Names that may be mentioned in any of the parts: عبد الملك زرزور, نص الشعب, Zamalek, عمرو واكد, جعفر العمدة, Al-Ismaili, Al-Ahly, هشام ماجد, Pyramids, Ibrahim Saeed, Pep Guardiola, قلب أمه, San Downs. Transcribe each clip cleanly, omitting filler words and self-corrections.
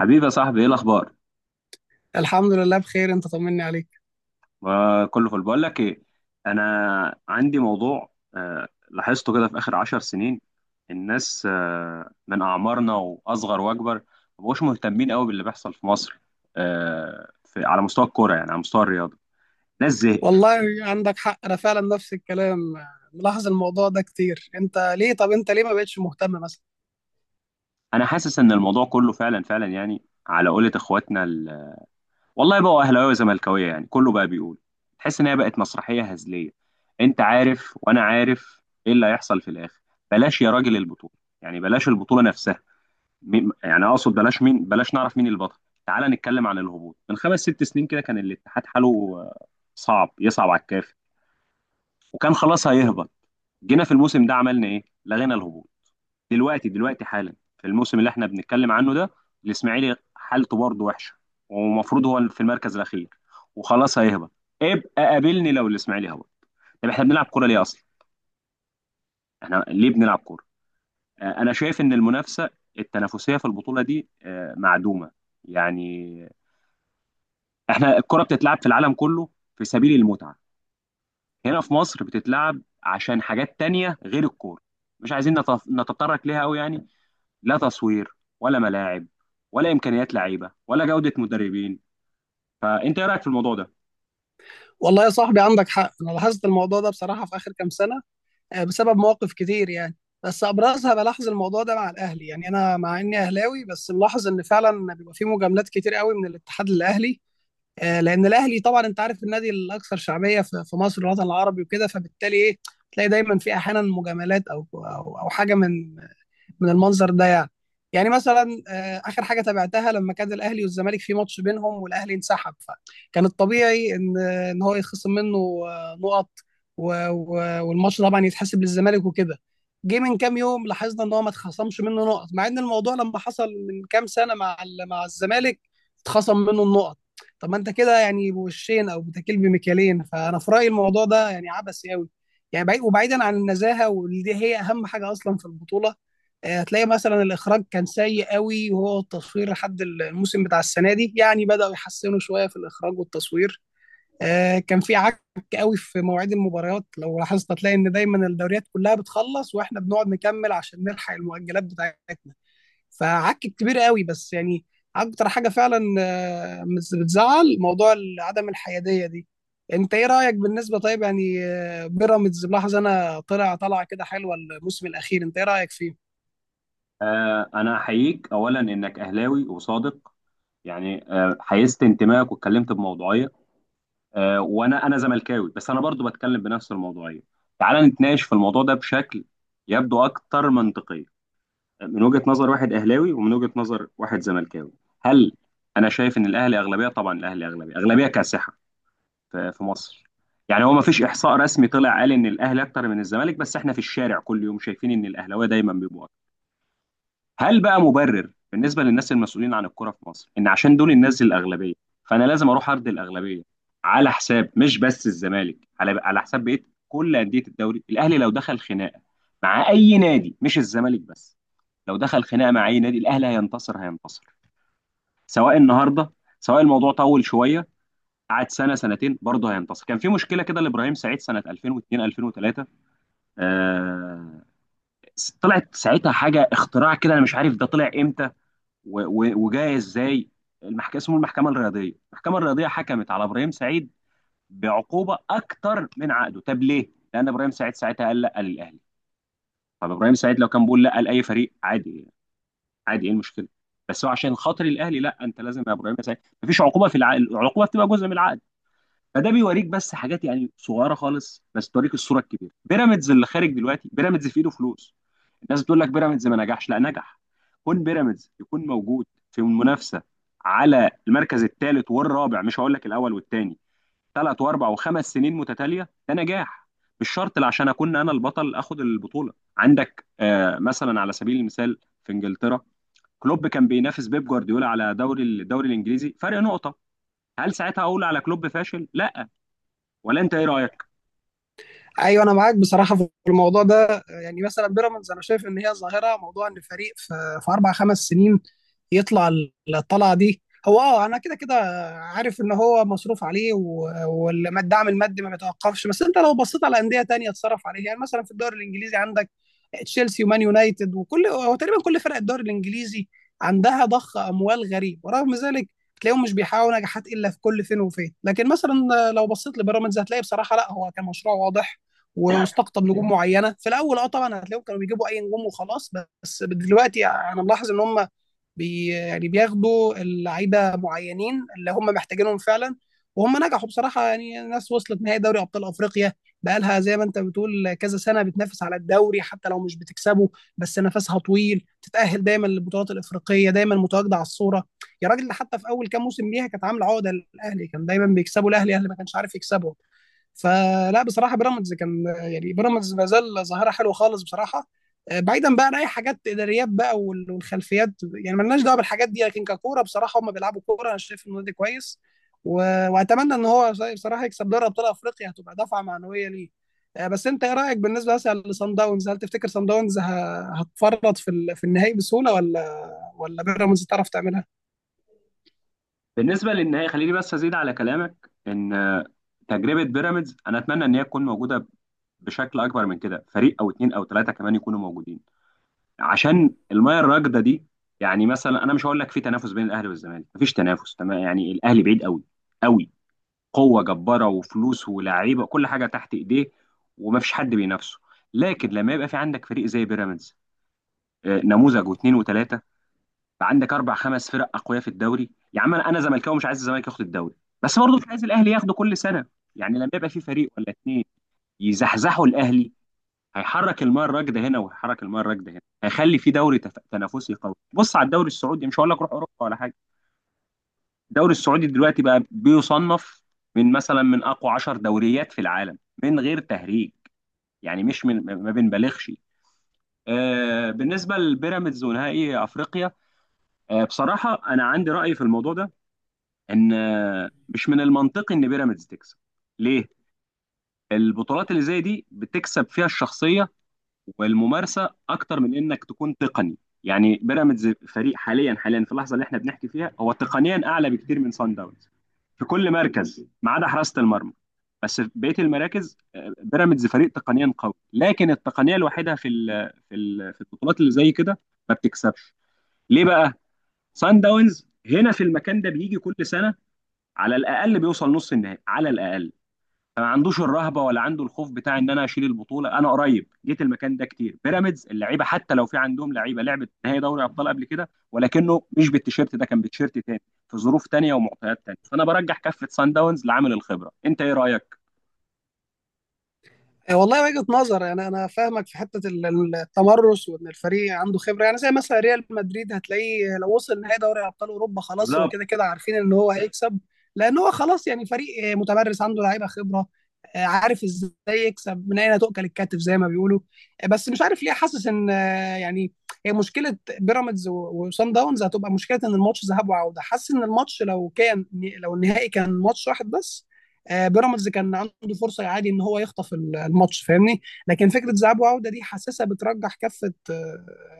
حبيبي يا صاحبي، ايه الاخبار؟ الحمد لله بخير، انت طمني عليك. كله فل. بقول لك ايه، انا عندي موضوع لاحظته كده في اخر 10 سنين. الناس من اعمارنا واصغر واكبر ما بقوش مهتمين قوي باللي بيحصل في مصر، في على مستوى الكوره، يعني على مستوى الرياضه. ناس زهقت. والله عندك حق، انا فعلا نفس الكلام ملاحظ الموضوع ده كتير. انت ليه ما بقتش مهتم مثلا؟ انا حاسس ان الموضوع كله فعلا فعلا، يعني على قولة اخواتنا والله، بقوا اهلاويه وزملكاويه، يعني كله بقى بيقول. تحس ان هي بقت مسرحيه هزليه. انت عارف وانا عارف ايه اللي هيحصل في الاخر. بلاش يا راجل البطوله، يعني بلاش البطوله نفسها. يعني اقصد بلاش مين، بلاش نعرف مين البطل. تعال نتكلم عن الهبوط. من 5 6 سنين كده كان الاتحاد حاله آه، صعب، يصعب على الكافي، وكان خلاص هيهبط. جينا في الموسم ده، عملنا ايه؟ لغينا الهبوط. دلوقتي دلوقتي حالا في الموسم اللي احنا بنتكلم عنه ده، الاسماعيلي حالته برضه وحشه، ومفروض هو في المركز الاخير وخلاص هيهبط. ابقى قابلني لو الاسماعيلي هبط. طب احنا بنلعب كوره ليه اصلا؟ احنا ليه بنلعب كوره؟ انا شايف ان المنافسه التنافسيه في البطوله دي معدومه. يعني احنا الكوره بتتلعب في العالم كله في سبيل المتعه. هنا في مصر بتتلعب عشان حاجات تانية غير الكوره. مش عايزين نتطرق ليها قوي يعني. لا تصوير، ولا ملاعب، ولا امكانيات لعيبه، ولا جوده مدربين. فانت ايه رايك في الموضوع ده؟ والله يا صاحبي عندك حق، انا لاحظت الموضوع ده بصراحة في اخر كام سنة. بسبب مواقف كتير يعني، بس ابرزها بلاحظ الموضوع ده مع الاهلي. يعني انا مع اني اهلاوي بس ملاحظ ان فعلا بيبقى في مجاملات كتير قوي من الاتحاد للاهلي. لان الاهلي طبعا انت عارف النادي الاكثر شعبية في مصر والوطن العربي وكده، فبالتالي ايه، تلاقي دايما في احيانا مجاملات او حاجه من المنظر ده يعني. يعني مثلا اخر حاجه تابعتها لما كان الاهلي والزمالك في ماتش بينهم والاهلي انسحب، فكان الطبيعي ان هو يخصم منه نقط، والماتش طبعا يتحسب للزمالك وكده. جه من كام يوم لاحظنا ان هو ما اتخصمش منه نقط، مع ان الموضوع لما حصل من كام سنه مع الزمالك اتخصم منه النقط. طب ما انت كده يعني بوشين او بتاكل بمكيالين، فانا في رايي الموضوع ده يعني عبثي قوي، يعني بعيد، وبعيدا عن النزاهه واللي دي هي اهم حاجه اصلا في البطوله. هتلاقي مثلا الاخراج كان سيء قوي، وهو التصوير لحد الموسم بتاع السنه دي يعني بداوا يحسنوا شويه في الاخراج والتصوير. كان في عك قوي في مواعيد المباريات، لو لاحظت هتلاقي ان دايما الدوريات كلها بتخلص واحنا بنقعد نكمل عشان نلحق المؤجلات بتاعتنا. فعك كبير قوي بس يعني، اكتر حاجه فعلا بتزعل موضوع عدم الحياديه دي. انت ايه رايك بالنسبه؟ طيب يعني بيراميدز، ملاحظ انا طلع كده حلوه الموسم الاخير، انت ايه رايك فيه؟ آه، انا احييك اولا انك اهلاوي وصادق، يعني آه، حيزت انتمائك واتكلمت بموضوعيه. آه، وانا زملكاوي، بس انا برضو بتكلم بنفس الموضوعيه. تعال نتناقش في الموضوع ده بشكل يبدو اكثر منطقيه، من وجهه نظر واحد اهلاوي ومن وجهه نظر واحد زملكاوي. هل انا شايف ان الاهلي اغلبيه؟ طبعا الاهلي اغلبيه، اغلبيه كاسحه في مصر. يعني هو ما فيش احصاء رسمي طلع قال ان الاهلي اكتر من الزمالك، بس احنا في الشارع كل يوم شايفين ان الاهلاويه دايما بيبقوا أكتر. هل بقى مبرر بالنسبه للناس المسؤولين عن الكوره في مصر ان عشان دول الناس الاغلبيه، فانا لازم اروح ارضي الاغلبيه على حساب مش بس الزمالك، على حساب بقيه كل انديه الدوري؟ الاهلي لو دخل خناقه مع اي نادي، مش الزمالك بس، لو دخل خناقه مع اي نادي، الاهلي هينتصر هينتصر. سواء النهارده، سواء الموضوع طول شويه، قعد 1 2 سنه، برضه هينتصر. كان في مشكله كده لابراهيم سعيد سنه 2002 2003. آه، طلعت ساعتها حاجه اختراع كده، انا مش عارف ده طلع امتى و- و- وجاي ازاي. المحكمه، اسمه المحكمه الرياضيه، المحكمه الرياضيه حكمت على ابراهيم سعيد بعقوبه اكتر من عقده. طب ليه؟ لان ابراهيم سعيد ساعتها قال لا للاهلي. طب ابراهيم سعيد لو كان بيقول لا لاي فريق، عادي، عادي، ايه المشكله؟ بس هو عشان خاطر الاهلي، لا انت لازم يا ابراهيم سعيد. مفيش عقوبه في العقد، العقوبه بتبقى جزء من العقد. فده بيوريك بس حاجات يعني صغيره خالص، بس توريك الصوره الكبيره. بيراميدز اللي خارج دلوقتي، بيراميدز في ايده فلوس. الناس بتقول لك بيراميدز ما نجحش، لا نجح. كون بيراميدز يكون موجود في المنافسه على المركز الثالث والرابع، مش هقول لك الاول والثاني، 3 و4 و5 سنين متتاليه، ده نجاح. مش شرط لا عشان اكون انا البطل اخد البطوله. عندك آه، مثلا على سبيل المثال في انجلترا، كلوب كان بينافس بيب جوارديولا على دوري الدوري الانجليزي، فرق نقطه. هل ساعتها اقول على كلوب فاشل؟ لا. ولا انت ايه رايك؟ ايوه انا معاك بصراحه في الموضوع ده. يعني مثلا بيراميدز انا شايف ان هي ظاهره، موضوع ان فريق في, في اربع خمس سنين يطلع الطلعه دي. هو اه انا كده كده عارف ان هو مصروف عليه والدعم المادي ما بيتوقفش. بس انت لو بصيت على انديه تانية اتصرف عليها، يعني مثلا في الدوري الانجليزي عندك تشيلسي ومان يونايتد، وكل هو تقريبا كل فرق الدوري الانجليزي عندها ضخ اموال غريب، ورغم ذلك تلاقيهم مش بيحققوا نجاحات الا في كل فين وفين. لكن مثلا لو بصيت لبيراميدز هتلاقي بصراحه لا، هو كان مشروع واضح واستقطب نجوم معينه. في الاول اه طبعا هتلاقيهم كانوا بيجيبوا اي نجوم وخلاص، بس دلوقتي انا ملاحظ ان هم يعني بياخدوا اللعيبه معينين اللي هم محتاجينهم فعلا. وهم نجحوا بصراحه، يعني الناس وصلت نهائي دوري ابطال افريقيا، بقالها زي ما انت بتقول كذا سنه بتنافس على الدوري حتى لو مش بتكسبه، بس نفسها طويل، تتاهل دايما للبطولات الافريقيه، دايما متواجده على الصوره. يا راجل ده حتى في اول كام موسم ليها كانت عامله عقده للاهلي، كان دايما بيكسبوا الاهلي، ما كانش عارف يكسبه. فلا بصراحه بيراميدز كان يعني، بيراميدز ما زال ظاهره حلوه خالص بصراحه. بعيدا بقى عن اي حاجات اداريات بقى والخلفيات، يعني مالناش دعوه بالحاجات دي، لكن ككوره بصراحه هم بيلعبوا كوره. انا شايف النادي كويس واتمنى ان هو بصراحه يكسب دوري ابطال افريقيا، هتبقى دفعه معنويه ليه. بس انت ايه رايك بالنسبه مثلا لصن داونز؟ هل تفتكر صن داونز هتفرط في في النهائي بسهوله، ولا بيراميدز تعرف تعملها؟ بالنسبه للنهائي، خليني بس ازيد على كلامك ان تجربه بيراميدز انا اتمنى ان هي تكون موجوده بشكل اكبر من كده، فريق او اتنين او تلاته كمان يكونوا موجودين عشان المياه الراكده دي. يعني مثلا انا مش هقول لك في تنافس بين الاهلي والزمالك، مفيش تنافس تمام، يعني الاهلي بعيد قوي قوي، قوه جباره وفلوس ولاعيبه كل حاجه تحت ايديه، ومفيش حد بينافسه. لكن لما يبقى في عندك فريق زي بيراميدز، نموذج واثنين وثلاثه، عندك 4 5 فرق اقوياء في الدوري. يا عم انا، زملكاوي مش عايز الزمالك ياخد الدوري، بس برضه مش عايز الاهلي ياخده كل سنه. يعني لما يبقى في فريق ولا اتنين يزحزحوا الاهلي، هيحرك الماء الراكده هنا، وهيحرك الماء الراكده هنا، هيخلي في دوري تنافسي قوي. بص على الدوري السعودي، مش هقول لك روح اوروبا ولا حاجه. الدوري السعودي دلوقتي بقى بيصنف من مثلا من اقوى 10 دوريات في العالم، من غير تهريج يعني، مش ما بنبالغش. آه، بالنسبه لبيراميدز ونهائي افريقيا، آه، بصراحه انا عندي راي في الموضوع ده، ان مش من المنطقي ان بيراميدز تكسب. ليه؟ البطولات اللي زي دي بتكسب فيها الشخصيه والممارسه اكتر من انك تكون تقني. يعني بيراميدز فريق حاليا في اللحظه اللي احنا بنحكي فيها، هو تقنيا اعلى بكتير من سان داونز في كل مركز ما عدا حراسه المرمى. بس في بقيه المراكز، آه، بيراميدز فريق تقنيا قوي، لكن التقنيه الوحيده في البطولات اللي زي كده ما بتكسبش. ليه بقى؟ سان داونز هنا في المكان ده بيجي كل سنه، على الاقل بيوصل نص النهائي على الاقل. فما عندوش الرهبه، ولا عنده الخوف بتاع ان انا اشيل البطوله. انا قريب، جيت المكان ده كتير. بيراميدز اللعيبه، حتى لو في عندهم لعيبه لعبت نهائي دوري ابطال قبل كده، ولكنه مش بالتيشيرت ده، كان بتيشيرت تاني في ظروف تانيه ومعطيات تانيه. فانا برجح كفه سان داونز لعامل الخبره. انت ايه رايك؟ والله وجهة نظر. يعني انا فاهمك في حته التمرس وان الفريق عنده خبره، يعني زي مثلا ريال مدريد هتلاقيه لو وصل نهائي دوري ابطال اوروبا خلاص، هو بالظبط. كده كده عارفين ان هو هيكسب، لان هو خلاص يعني فريق متمرس عنده لعيبه خبره، عارف ازاي يكسب من اين تؤكل الكتف زي ما بيقولوا. بس مش عارف ليه حاسس ان يعني هي مشكله بيراميدز وصن داونز هتبقى مشكله، ان الماتش ذهاب وعوده. حاسس ان الماتش لو كان، لو النهائي كان ماتش واحد بس بيراميدز كان عنده فرصه عادي ان هو يخطف الماتش، فاهمني؟ لكن فكره ذهاب وعوده دي حاسسها بترجح كفه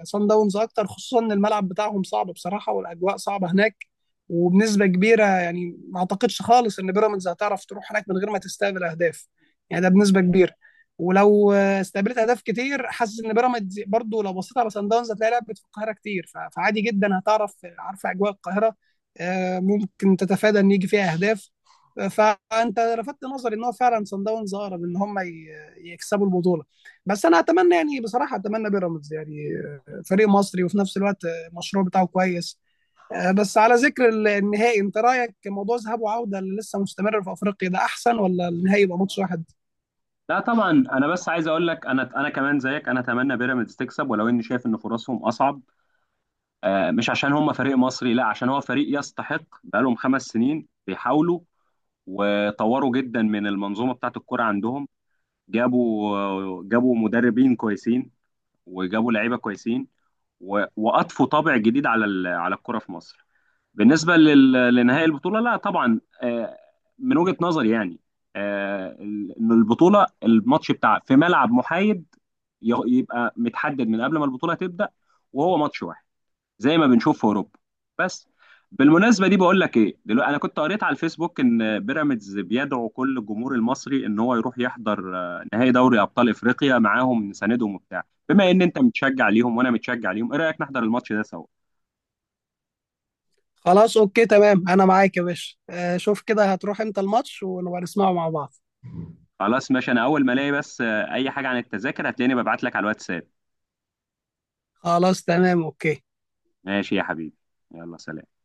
سان داونز اكتر، خصوصا ان الملعب بتاعهم صعب بصراحه والاجواء صعبه هناك. وبنسبه كبيره يعني ما اعتقدش خالص ان بيراميدز هتعرف تروح هناك من غير ما تستقبل اهداف، يعني ده بنسبه كبيره. ولو استقبلت اهداف كتير، حاسس ان بيراميدز برضو لو بصيت على سان داونز هتلاقي لعبت في القاهره كتير، فعادي جدا هتعرف، عارفه اجواء القاهره. ممكن تتفادى ان يجي فيها اهداف. فانت لفتت نظري ان هو فعلا صن داونز اقرب ان هم يكسبوا البطوله، بس انا اتمنى يعني بصراحه اتمنى بيراميدز يعني، فريق مصري وفي نفس الوقت المشروع بتاعه كويس. بس على ذكر النهائي، انت رايك موضوع ذهاب وعوده اللي لسه مستمر في افريقيا ده احسن، ولا النهائي يبقى ماتش واحد؟ لا طبعا، انا بس عايز اقول لك انا، كمان زيك، انا اتمنى بيراميدز تكسب، ولو اني شايف ان فرصهم اصعب. مش عشان هم فريق مصري، لا، عشان هو فريق يستحق. بقالهم 5 سنين بيحاولوا، وطوروا جدا من المنظومه بتاعه الكرة عندهم، جابوا مدربين كويسين، وجابوا لعيبه كويسين، و- واضفوا طابع جديد على الكرة في مصر. بالنسبه لل- لنهائي البطوله، لا طبعا، من وجهه نظري يعني، ان البطوله الماتش بتاع في ملعب محايد يبقى متحدد من قبل ما البطوله تبدا، وهو ماتش واحد، زي ما بنشوف في اوروبا بس. بالمناسبه دي، بقول لك ايه دلوقتي، انا كنت قريت على الفيسبوك ان بيراميدز بيدعو كل الجمهور المصري ان هو يروح يحضر نهائي دوري ابطال افريقيا معاهم، نساندهم وبتاع. بما ان انت متشجع ليهم وانا متشجع ليهم، ايه رايك نحضر الماتش ده سوا؟ خلاص اوكي تمام انا معاك يا باشا. شوف كده هتروح امتى الماتش ونبقى نسمعه مع بعض. خلاص ماشي، انا اول ما الاقي بس اي حاجه عن التذاكر، هتلاقيني ببعت لك على الواتساب. خلاص تمام اوكي. ماشي يا حبيبي، يلا سلام.